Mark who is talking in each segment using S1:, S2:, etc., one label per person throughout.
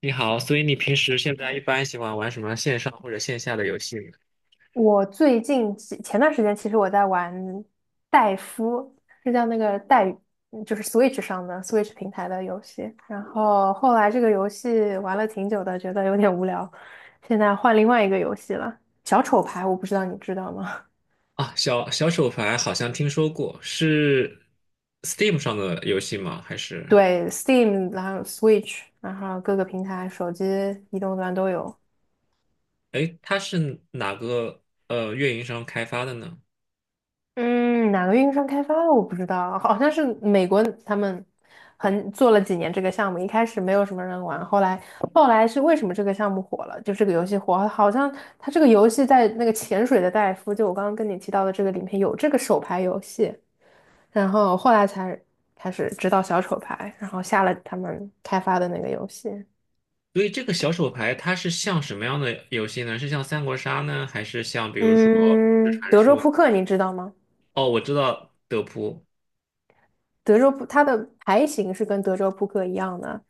S1: 你好，所以你平时现在一般喜欢玩什么线上或者线下的游戏呢？
S2: 我最近前段时间，其实我在玩戴夫，是叫那个戴，就是 Switch 平台的游戏。然后后来这个游戏玩了挺久的，觉得有点无聊，现在换另外一个游戏了，小丑牌，我不知道你知道吗？
S1: 啊，小手牌好像听说过，是 Steam 上的游戏吗？还是，
S2: 对，Steam，然后 Switch，然后各个平台，手机、移动端都有。
S1: 哎，它是哪个运营商开发的呢？
S2: 嗯，哪个运营商开发的我不知道，好像是美国他们做了几年这个项目，一开始没有什么人玩，后来是为什么这个项目火了？就这个游戏火，好像它这个游戏在那个潜水的戴夫，就我刚刚跟你提到的这个里面有这个手牌游戏，然后后来才开始知道小丑牌，然后下了他们开发的那个游戏。
S1: 所以这个小手牌它是像什么样的游戏呢？是像三国杀呢，还是像比如说是
S2: 嗯，
S1: 传
S2: 德州
S1: 说？
S2: 扑克你知道吗？
S1: 哦，我知道德扑。
S2: 德州扑它的牌型是跟德州扑克一样的，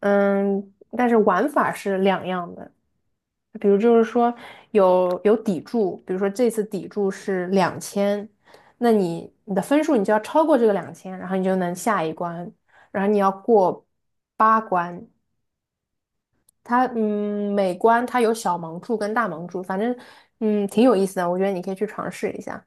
S2: 但是玩法是两样的。比如就是说有底注，比如说这次底注是两千，那你的分数你就要超过这个两千，然后你就能下一关，然后你要过8关。它每关它有小盲注跟大盲注，反正挺有意思的，我觉得你可以去尝试一下。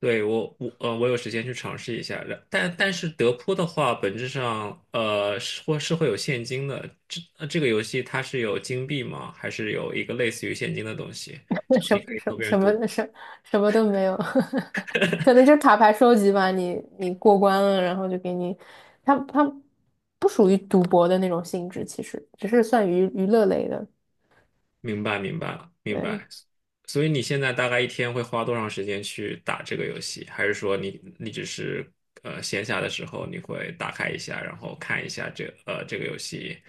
S1: 对，我有时间去尝试一下，但是德扑的话，本质上是会有现金的。这个游戏它是有金币吗？还是有一个类似于现金的东西？这
S2: 那
S1: 样
S2: 什
S1: 你
S2: 么
S1: 可以
S2: 什
S1: 和
S2: 么
S1: 别人
S2: 什
S1: 赌。
S2: 么什什么都没有。可能就是卡牌收集吧。你过关了，然后就给你，它不属于赌博的那种性质，其实只是算娱乐类的。
S1: 明白，明白，明
S2: 对。
S1: 白。所以你现在大概一天会花多长时间去打这个游戏？还是说你只是闲暇的时候你会打开一下，然后看一下这个游戏，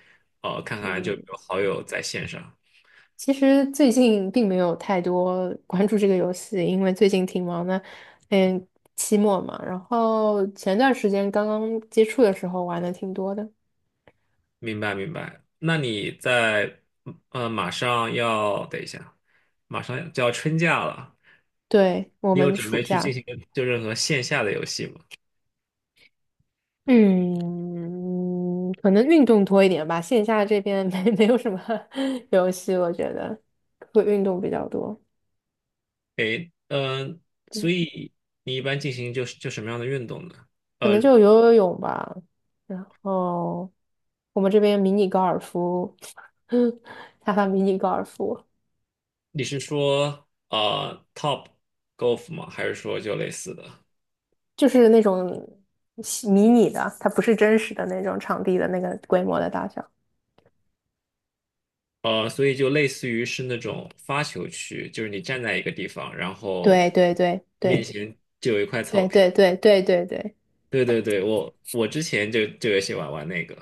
S1: 看看就
S2: 嗯，
S1: 有好友在线上。
S2: 其实最近并没有太多 关注这个游戏，因为最近挺忙的，嗯，期末嘛。然后前段时间刚刚接触的时候玩的挺多的，
S1: 明白明白。那你在马上要等一下，马上就要春假了，
S2: 对，我
S1: 你有
S2: 们
S1: 准
S2: 暑
S1: 备去进
S2: 假。
S1: 行就任何线下的游戏吗？
S2: 嗯，可能运动多一点吧，线下这边 没有什么 游戏，我觉得会运动比较多。
S1: 诶，所
S2: 嗯，
S1: 以你一般进行就是什么样的运动呢？
S2: 可能
S1: 呃，
S2: 就游泳吧，然后我们这边迷你高尔夫，他发迷你高尔夫
S1: 你是说top golf 吗？还是说就类似的？
S2: 就是那种小迷你的，它不是真实的那种场地的那个规模的大小。
S1: 所以就类似于是那种发球区，就是你站在一个地方，然后
S2: 对对
S1: 面
S2: 对
S1: 前就有一块草
S2: 对
S1: 坪。
S2: 对对对对对对，
S1: 对对对，我之前就有喜欢玩那个，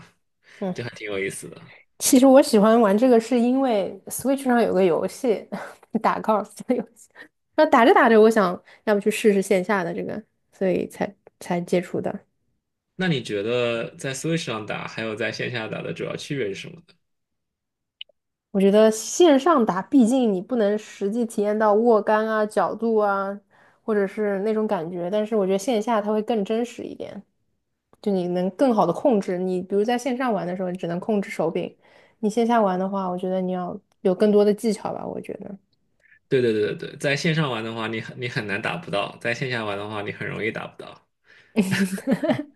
S1: 就还
S2: 嗯。
S1: 挺有意思的。
S2: 其实我喜欢玩这个是因为 Switch 上有个游戏，打 golf 的游戏。然后打着打着，我想要不去试试线下的这个，所以才接触的。
S1: 那你觉得在 Switch 上打还有在线下打的主要区别是什么呢？
S2: 我觉得线上打，毕竟你不能实际体验到握杆啊、角度啊，或者是那种感觉。但是我觉得线下它会更真实一点，就你能更好的控制。你比如在线上玩的时候，你只能控制手柄；你线下玩的话，我觉得你要有更多的技巧吧，我觉得。
S1: 对对对对对，在线上玩的话，你很难打不到；在线下玩的话，你很容易打不到。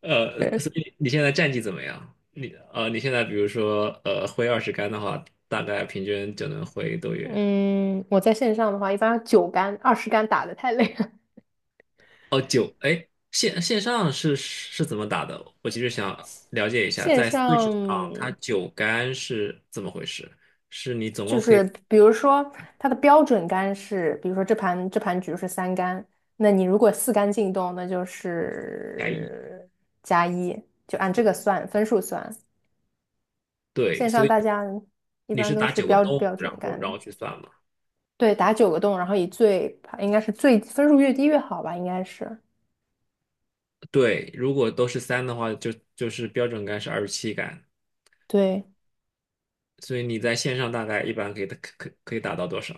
S1: 所以你现在战绩怎么样？你现在比如说挥20杆的话，大概平均就能挥多远？
S2: 嗯，我在线上的话，一般9杆、20杆打的太累了。
S1: 哦，九，哎，线上是怎么打的？我其实想了解一下，
S2: 线
S1: 在 Switch 上它
S2: 上
S1: 9杆是怎么回事？是你总共
S2: 就
S1: 可以
S2: 是比如说它的标准杆是，比如说这盘局是3杆，那你如果4杆进洞，那就
S1: 加一，
S2: 是加一，就按这个算分数算。
S1: 对，
S2: 线
S1: 所
S2: 上
S1: 以
S2: 大家一
S1: 你
S2: 般
S1: 是
S2: 都
S1: 打
S2: 是
S1: 九个
S2: 标
S1: 洞，
S2: 标
S1: 然
S2: 准
S1: 后然
S2: 杆，
S1: 后去算嘛？
S2: 对，打9个洞，然后应该是最分数越低越好吧，应该是
S1: 对，如果都是三的话，就是标准杆是27杆，
S2: 对。
S1: 所以你在线上大概一般可以可以打到多少？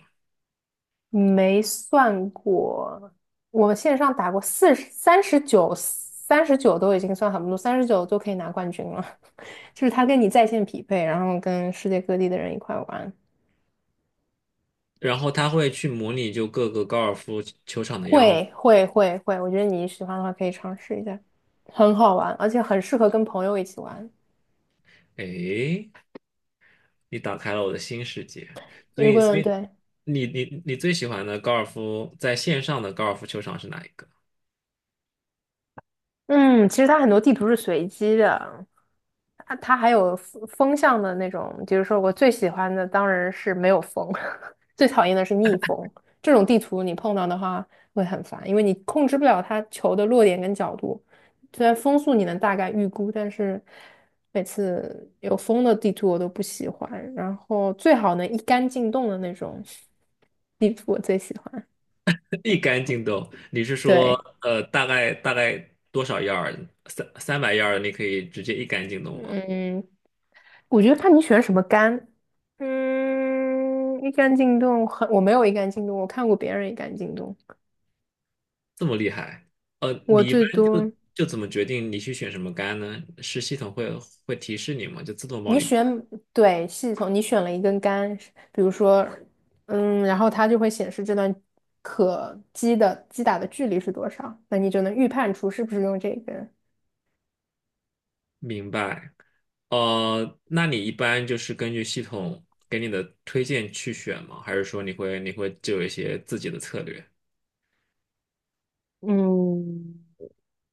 S2: 没算过，我线上打过40、39，三十九都已经算很不错，三十九就可以拿冠军了。就是他跟你在线匹配，然后跟世界各地的人一块玩，
S1: 然后它会去模拟就各个高尔夫球场的样子。
S2: 会会会会，我觉得你喜欢的话可以尝试一下，很好玩，而且很适合跟朋友一起玩。
S1: 哎，你打开了我的新世界。所
S2: 如
S1: 以，所
S2: 果
S1: 以
S2: 对。
S1: 你最喜欢的高尔夫在线上的高尔夫球场是哪一个？
S2: 嗯，其实它很多地图是随机的，它还有风向的那种，就是说我最喜欢的当然是没有风，最讨厌的是逆风。这种地图你碰到的话会很烦，因为你控制不了它球的落点跟角度。虽然风速你能大概预估，但是每次有风的地图我都不喜欢。然后最好能一杆进洞的那种地图我最喜欢。
S1: 一杆进洞，你是说
S2: 对。
S1: 大概多少 yard 三百 yard 你可以直接一杆进洞吗？
S2: 嗯，我觉得看你选什么杆。一杆进洞很，我没有一杆进洞，我看过别人一杆进洞。
S1: 这么厉害？
S2: 我
S1: 你一般
S2: 最多
S1: 就怎么决定你去选什么杆呢？是系统会提示你吗？就自动帮
S2: 你
S1: 你。
S2: 选对系统，你选了一根杆，比如说。然后它就会显示这段可击的击打的距离是多少，那你就能预判出是不是用这根。
S1: 明白。那你一般就是根据系统给你的推荐去选吗？还是说你会就有一些自己的策略
S2: 嗯，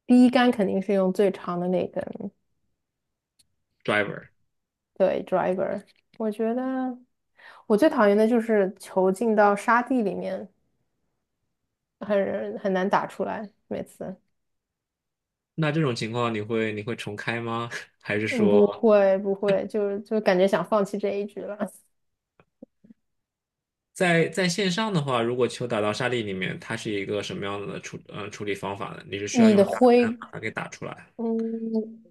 S2: 第一杆肯定是用最长的那根，
S1: ，driver？
S2: 对，driver。我觉得我最讨厌的就是球进到沙地里面，很难打出来，每次。
S1: 那这种情况你会重开吗？还是
S2: 嗯，不
S1: 说
S2: 会不会，就感觉想放弃这一局了。
S1: 在线上的话，如果球打到沙粒里面，它是一个什么样的处理方法呢？你是需要
S2: 你
S1: 用
S2: 的
S1: 沙盘
S2: 挥，
S1: 把它给打出来？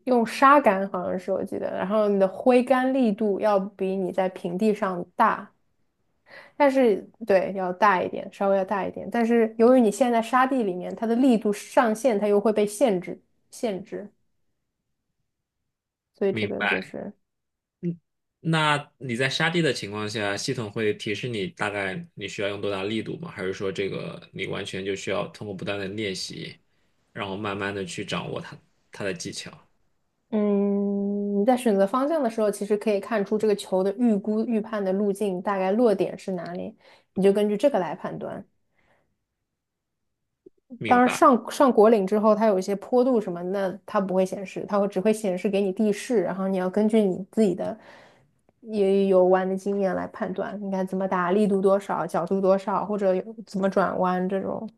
S2: 用沙杆好像是我记得，然后你的挥杆力度要比你在平地上大，但是对，要大一点，稍微要大一点。但是由于你现在在沙地里面，它的力度上限它又会被限制，所以这
S1: 明
S2: 个就
S1: 白。
S2: 是。
S1: 那你在沙地的情况下，系统会提示你大概你需要用多大力度吗？还是说这个你完全就需要通过不断的练习，然后慢慢的去掌握它的技巧？
S2: 嗯，你在选择方向的时候，其实可以看出这个球的预估预判的路径大概落点是哪里，你就根据这个来判断。
S1: 明
S2: 当然
S1: 白，
S2: 上果岭之后，它有一些坡度什么，那它不会显示，它会只会显示给你地势，然后你要根据你自己的也有弯的经验来判断应该怎么打，力度多少，角度多少，或者有怎么转弯这种。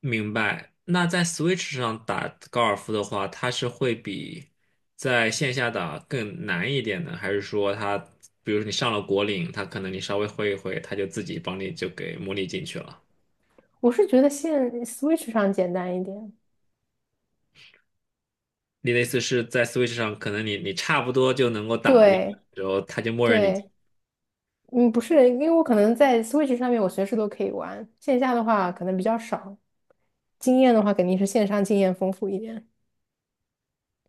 S1: 明白。那在 Switch 上打高尔夫的话，它是会比在线下打更难一点呢？还是说它，比如说你上了果岭，它可能你稍微挥一挥，它就自己帮你就给模拟进去了？
S2: 我是觉得现 Switch 上简单一点，
S1: 你的意思是在 Switch 上，可能你差不多就能够打进去，
S2: 对
S1: 然后他就默认你进。
S2: 对。嗯，不是，因为我可能在 Switch 上面我随时都可以玩，线下的话可能比较少。经验的话，肯定是线上经验丰富一点，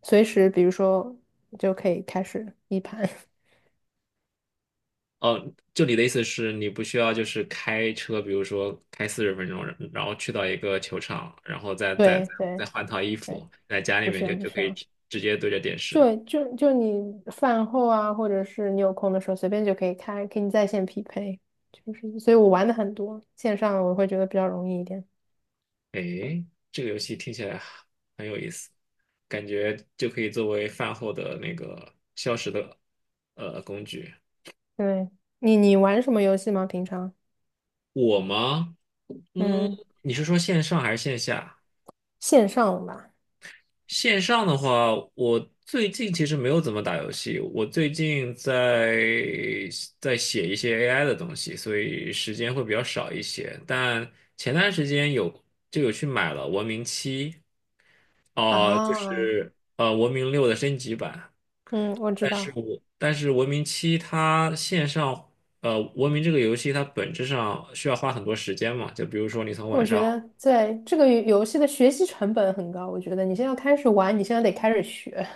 S2: 随时比如说就可以开始一盘。
S1: 哦，就你的意思是你不需要就是开车，比如说开40分钟，然后去到一个球场，然后再再再
S2: 对对
S1: 再换套衣
S2: 对，
S1: 服，在家里
S2: 不需
S1: 面
S2: 要
S1: 就
S2: 不
S1: 就
S2: 需
S1: 可以
S2: 要，
S1: 直接对着电视。
S2: 就你饭后啊，或者是你有空的时候，随便就可以开，给你在线匹配，就是，所以我玩的很多，线上我会觉得比较容易一点。
S1: 诶，这个游戏听起来很有意思，感觉就可以作为饭后的那个消食的工具。
S2: 对，你玩什么游戏吗？平常？
S1: 我吗？嗯，
S2: 嗯，
S1: 你是说线上还是线下？
S2: 线上吧。
S1: 线上的话，我最近其实没有怎么打游戏，我最近在写一些 AI 的东西，所以时间会比较少一些。但前段时间就有去买了《文明七》，啊，就
S2: 啊，
S1: 是《文明六》的升级版。
S2: 嗯，我知
S1: 但是
S2: 道。
S1: 我但是《文明七》它线上《文明》这个游戏它本质上需要花很多时间嘛，就比如说你从晚
S2: 我觉
S1: 上。
S2: 得在这个游戏的学习成本很高，我觉得你现在要开始玩，你现在得开始学。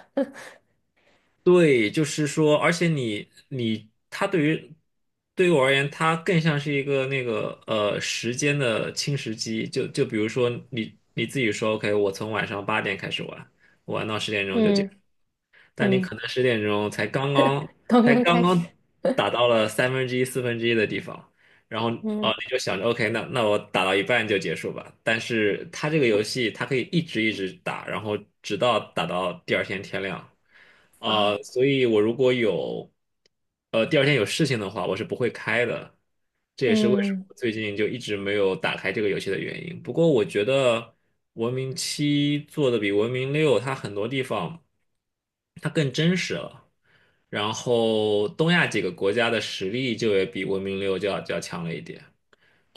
S1: 对，就是说，而且你它对于我而言，它更像是一个那个时间的侵蚀机。就比如说你自己说，OK，我从晚上8点开始玩，玩到十点 钟就结。
S2: 嗯
S1: 但你可
S2: 嗯
S1: 能十点钟才刚刚
S2: 刚
S1: 才
S2: 刚
S1: 刚
S2: 开始
S1: 刚打到了三分之一、四分之一的地方，然后哦，
S2: 嗯
S1: 你就想着 OK，那我打到一半就结束吧。但是它这个游戏它可以一直一直打，然后直到打到第二天天亮。
S2: 啊，
S1: 所以我如果第二天有事情的话，我是不会开的。这也是为什么
S2: 嗯
S1: 我最近就一直没有打开这个游戏的原因。不过我觉得《文明七》做的比《文明六》它很多地方。它更真实了。然后东亚几个国家的实力就也比文明六就要强了一点。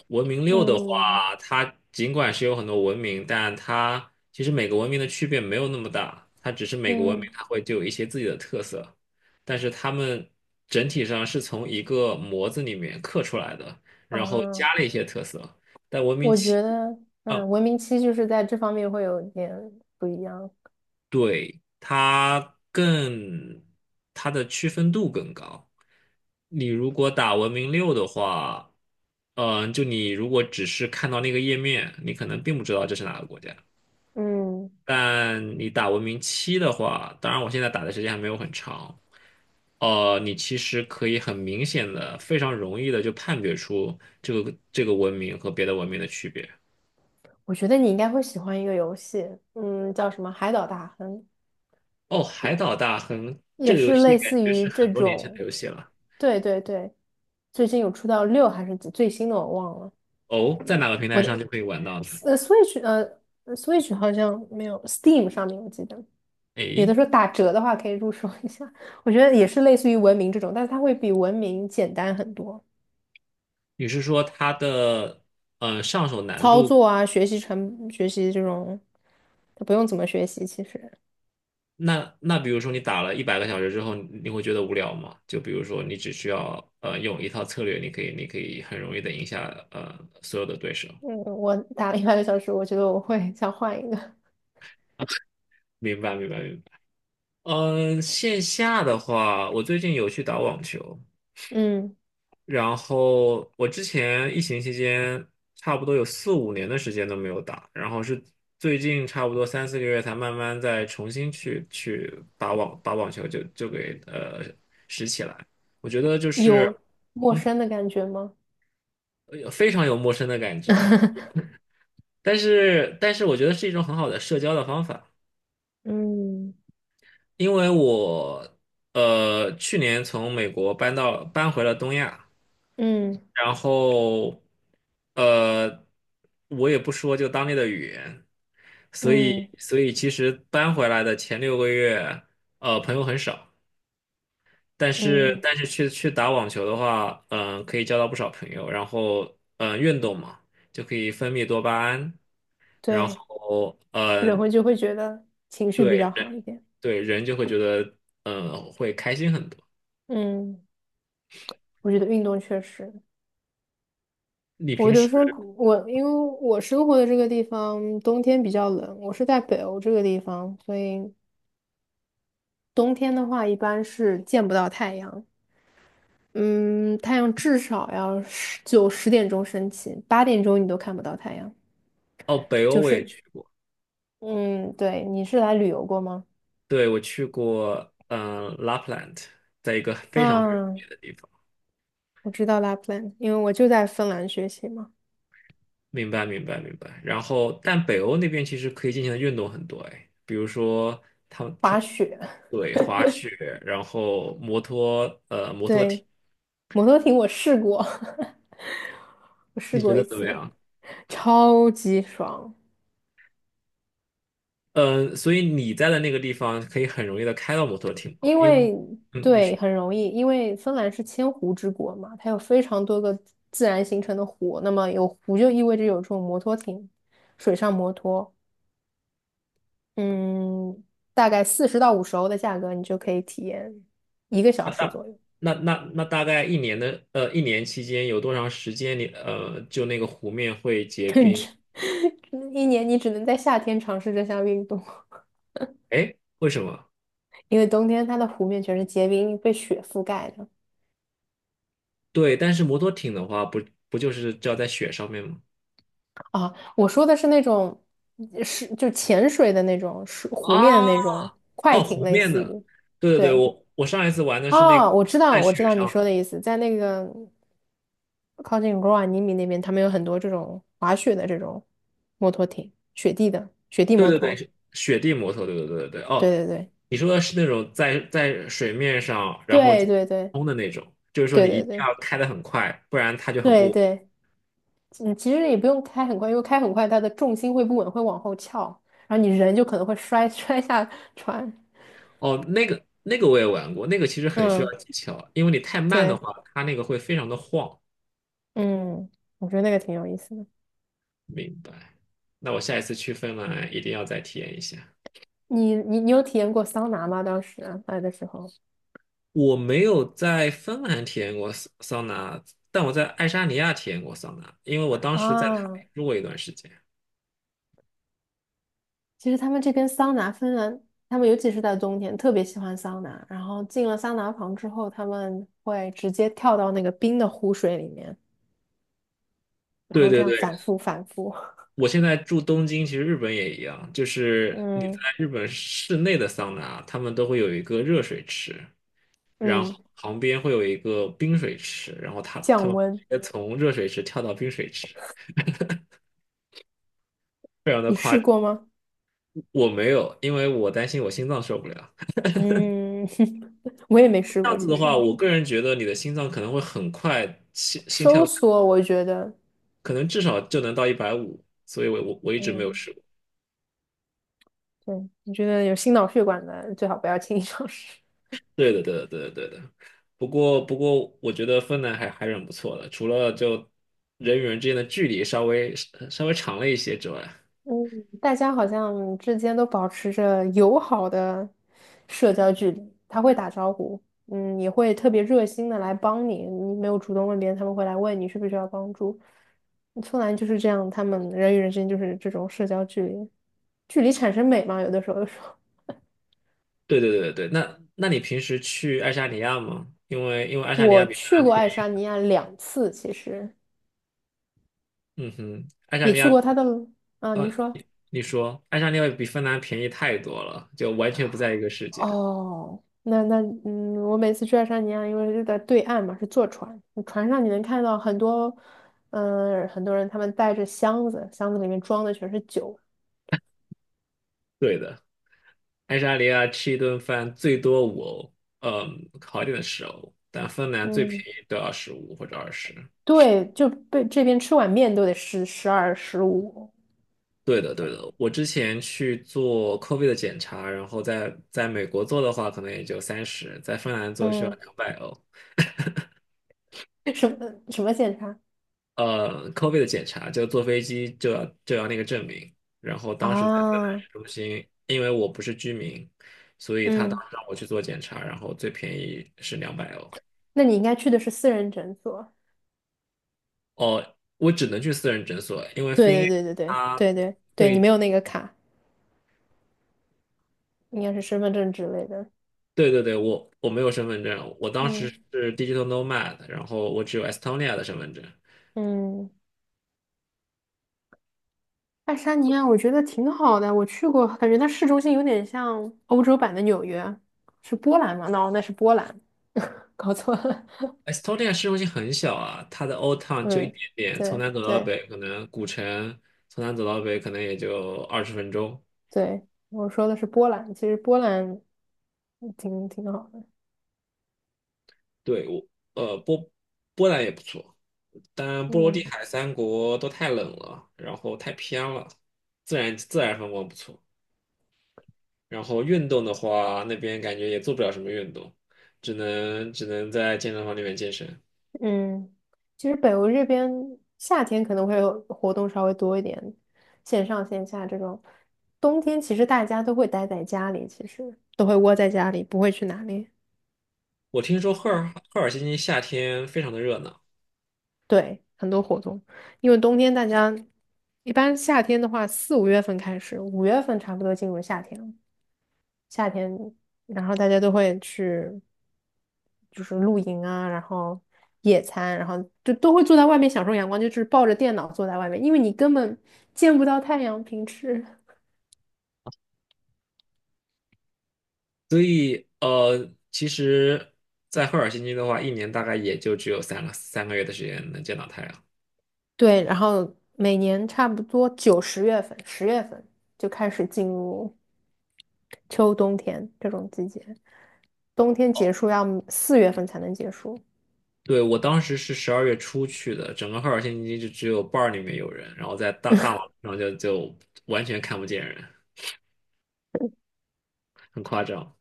S1: 文明六的
S2: 嗯
S1: 话，它尽管是有很多文明，但它其实每个文明的区别没有那么大，它只是每个文明
S2: 嗯
S1: 它会就有一些自己的特色，但是它们整体上是从一个模子里面刻出来的，然后
S2: 啊，
S1: 加了一些特色。但文明
S2: 我
S1: 七，
S2: 觉得
S1: 嗯
S2: 文明七就是在这方面会有点不一样。
S1: 对，它更，它的区分度更高。你如果打文明六的话，就你如果只是看到那个页面，你可能并不知道这是哪个国家。
S2: 嗯，
S1: 但你打文明七的话，当然我现在打的时间还没有很长，你其实可以很明显的、非常容易的就判别出这个文明和别的文明的区别。
S2: 我觉得你应该会喜欢一个游戏，叫什么《海岛大亨》，
S1: 哦，海岛大亨这
S2: 也
S1: 个游
S2: 是
S1: 戏
S2: 类
S1: 感
S2: 似
S1: 觉
S2: 于
S1: 是
S2: 这
S1: 很多年前的
S2: 种。
S1: 游戏了。
S2: 对对对，最近有出到六还是几最新的我忘了。
S1: 哦，在哪个平
S2: 我
S1: 台
S2: 的。
S1: 上就可以玩到呢？
S2: Switch Switch 好像没有，Steam 上面我记得有的
S1: 诶，
S2: 时候打折的话可以入手一下，我觉得也是类似于文明这种，但是它会比文明简单很多，
S1: 你是说它的上手难
S2: 操
S1: 度？
S2: 作啊，学习这种，它不用怎么学习。其实。
S1: 那比如说你打了100个小时之后，你会觉得无聊吗？就比如说你只需要用一套策略，你可以很容易的赢下所有的对手。
S2: 嗯，我打了100个小时，我觉得我会想换一个。
S1: 明白明白明白。线下的话，我最近有去打网球，
S2: 嗯，
S1: 然后我之前疫情期间差不多有四五年的时间都没有打，然后是最近差不多三四个月才慢慢再重新去打网球就给拾起来。我觉得就是
S2: 有陌
S1: 嗯
S2: 生的感觉吗？
S1: 非常有陌生的感觉，但是我觉得是一种很好的社交的方法，
S2: 嗯
S1: 因为我去年从美国搬回了东亚。
S2: 嗯
S1: 然后呃，我也不说就当地的语言，所
S2: 嗯
S1: 以所以其实搬回来的前6个月，朋友很少，但是
S2: 嗯，
S1: 但是去打网球的话，可以交到不少朋友，然后运动嘛，就可以分泌多巴胺，然
S2: 对，
S1: 后
S2: 人会就会觉得情绪比
S1: 对
S2: 较好一点。
S1: 对，人就会觉得会开心很多。
S2: 嗯。我觉得运动确实，
S1: 你
S2: 我
S1: 平
S2: 有
S1: 时。
S2: 时候我因为我生活的这个地方冬天比较冷，我是在北欧这个地方，所以冬天的话一般是见不到太阳。嗯，太阳至少要十九十点钟升起，8点钟你都看不到太阳。
S1: 哦，北欧
S2: 就
S1: 我也
S2: 是，
S1: 去过。
S2: 嗯，对，你是来旅游过吗？
S1: 对，我去过，Lapland，在一个非常非常
S2: 啊，
S1: 美的地方。
S2: 我知道 Lapland，因为我就在芬兰学习嘛，
S1: 明白，明白，明白。然后，但北欧那边其实可以进行的运动很多，哎，比如说他他
S2: 滑雪。
S1: 对滑雪，然后摩托艇，
S2: 对，摩托艇我试过，我试
S1: 你觉
S2: 过
S1: 得
S2: 一
S1: 怎么
S2: 次，
S1: 样？
S2: 超级爽。
S1: 嗯、所以你在的那个地方可以很容易的开到摩托艇吗？
S2: 因
S1: 因为，
S2: 为
S1: 你说
S2: 对，很容易，因为芬兰是千湖之国嘛，它有非常多个自然形成的湖，那么有湖就意味着有这种摩托艇，水上摩托。嗯，大概40到50欧的价格，你就可以体验一个小时左右。
S1: 那大概一年期间有多长时间你就那个湖面会 结
S2: 甚
S1: 冰？
S2: 至一年你只能在夏天尝试这项运动，
S1: 哎，为什么？
S2: 因为冬天它的湖面全是结冰，被雪覆盖的。
S1: 对，但是摩托艇的话，不就是只要在雪上面吗？
S2: 啊，我说的是那种，嗯，是就潜水的那种，是湖面的
S1: 啊，
S2: 那种快
S1: 哦，
S2: 艇，
S1: 湖
S2: 类
S1: 面
S2: 似
S1: 的，
S2: 于。
S1: 对对对，
S2: 对，
S1: 我上一次玩的是那
S2: 哦，
S1: 个
S2: 我知
S1: 在
S2: 道，我知
S1: 雪
S2: 道你
S1: 上的
S2: 说的意思，在那个靠近罗瓦尼米那边，他们有很多这种滑雪的这种摩托艇，雪地的雪地
S1: 对
S2: 摩
S1: 对对，
S2: 托。
S1: 是雪地摩托，对对对对对，哦，
S2: 对对
S1: 你说的是那种在水面上然后
S2: 对
S1: 就
S2: 对对
S1: 冲的那种，就是说
S2: 对
S1: 你一
S2: 对
S1: 定要
S2: 对
S1: 开得很快，不然它就很
S2: 对对
S1: 不，
S2: 对。嗯，其实也不用开很快，因为开很快它的重心会不稳，会往后翘，然后你人就可能会摔 摔下船。
S1: 哦，那个我也玩过，那个其实很需
S2: 嗯，
S1: 要技巧，因为你太慢的
S2: 对。
S1: 话，它那个会非常的晃。
S2: 嗯，我觉得那个挺有意思的。
S1: 明白，那我下一次去芬兰一定要再体验一下。
S2: 你有体验过桑拿吗？当时来的时候
S1: 我没有在芬兰体验过桑拿，但我在爱沙尼亚体验过桑拿，因为我当时在塔
S2: 啊，
S1: 林住过一段时间。
S2: 其实他们这边桑拿，芬兰他们尤其是在冬天特别喜欢桑拿，然后进了桑拿房之后，他们会直接跳到那个冰的湖水里面，然
S1: 对
S2: 后这
S1: 对
S2: 样
S1: 对，
S2: 反复反复。
S1: 我现在住东京，其实日本也一样，就 是你在
S2: 嗯
S1: 日本室内的桑拿，他们都会有一个热水池，然后
S2: 嗯，
S1: 旁边会有一个冰水池，然后他他
S2: 降
S1: 们
S2: 温。
S1: 直接从热水池跳到冰水池，非常的
S2: 你
S1: 夸
S2: 试
S1: 张。
S2: 过吗？
S1: 我没有，因为我担心我心脏受不了。
S2: 嗯，我也没试
S1: 这
S2: 过，
S1: 样子
S2: 其
S1: 的话，
S2: 实
S1: 我个人觉得你的心脏可能会很快心心
S2: 收
S1: 跳。
S2: 缩，我觉得。
S1: 可能至少就能到150，所以我一直没有
S2: 嗯，
S1: 试过。
S2: 对，你觉得有心脑血管的最好不要轻易尝试。
S1: 对的，对的，对的，对的。不过，我觉得芬兰还是很不错的，除了就人与人之间的距离稍微长了一些之外。
S2: 嗯，大家好像之间都保持着友好的社交距离，他会打招呼，嗯，也会特别热心的来帮你，你没有主动问别人，他们会来问你需不需要帮助。芬兰就是这样，他们人与人之间就是这种社交距离，距离产生美嘛，有的时候就说，
S1: 对对对对，那你平时去爱沙尼亚吗？因为爱 沙尼亚
S2: 我
S1: 比芬
S2: 去
S1: 兰
S2: 过
S1: 便
S2: 爱
S1: 宜，
S2: 沙尼亚两次，其实
S1: 嗯哼，爱沙
S2: 也
S1: 尼
S2: 去
S1: 亚，
S2: 过他的，啊，您
S1: 呃，
S2: 说。
S1: 你说爱沙尼亚比芬兰便宜太多了，就完全不在一个世界。
S2: 哦，那我每次去爱沙尼亚，因为是在对岸嘛，是坐船，船上你能看到很多，很多人他们带着箱子，箱子里面装的全是酒。
S1: 对的。爱沙尼亚吃一顿饭最多5欧，嗯，好一点的10欧，但芬兰最便
S2: 嗯，
S1: 宜都要15或者二十。
S2: 对，就被这边吃碗面都得十十二十五。
S1: 对的，对的。我之前去做 COVID 的检查，然后在美国做的话，可能也就30，在芬兰做需要
S2: 嗯，
S1: 两百欧。
S2: 什么什么检查
S1: COVID 的检查就坐飞机就要那个证明，然后当时在芬兰
S2: 啊？
S1: 市中心，因为我不是居民，所以他当
S2: 嗯，
S1: 时让我去做检查，然后最便宜是两百欧。
S2: 那你应该去的是私人诊所。
S1: 哦，我只能去私人诊所，因为
S2: 对对
S1: FinA
S2: 对对对
S1: 它
S2: 对对对，你
S1: 对
S2: 没有那个卡，应该是身份证之类的。
S1: 对对对，我没有身份证，我当时
S2: 嗯
S1: 是 digital nomad，然后我只有 Estonia 的身份证。
S2: 嗯。爱沙尼亚我觉得挺好的，我去过，感觉它市中心有点像欧洲版的纽约，是波兰吗？no,那是波兰，搞错了。
S1: Estonia 市中心很小啊，它的 old town 就一
S2: 嗯，
S1: 点点，从
S2: 对
S1: 南走到
S2: 对
S1: 北，可能古城从南走到北可能也就20分钟。
S2: 对，我说的是波兰，其实波兰挺好的。
S1: 对，我呃波波兰也不错，但波罗的
S2: 嗯
S1: 海三国都太冷了，然后太偏了，自然风光不错。然后运动的话，那边感觉也做不了什么运动，只能在健身房里面健身。
S2: 嗯，其实北欧这边夏天可能会有活动稍微多一点，线上线下这种，冬天其实大家都会待在家里，其实都会窝在家里，不会去哪里。
S1: 我听说赫尔辛基夏天非常的热闹，
S2: 对，很多活动，因为冬天大家一般夏天的话，4、5月份开始，五月份差不多进入夏天了。夏天，然后大家都会去就是露营啊，然后野餐，然后就都会坐在外面享受阳光，就是抱着电脑坐在外面，因为你根本见不到太阳，平时。
S1: 所以其实，在赫尔辛基的话，一年大概也就只有三个月的时间能见到太阳。
S2: 对，然后每年差不多9、10月份、十月份就开始进入秋冬天这种季节，冬天结束要4月份才能结束。
S1: 对，我当时是12月初去的，整个赫尔辛基就只有 bar 里面有人，然后在大马路上就完全看不见人，很夸张。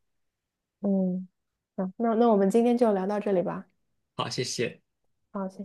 S2: 嗯，嗯，那我们今天就聊到这里吧。
S1: 好，谢谢。
S2: 好，谢谢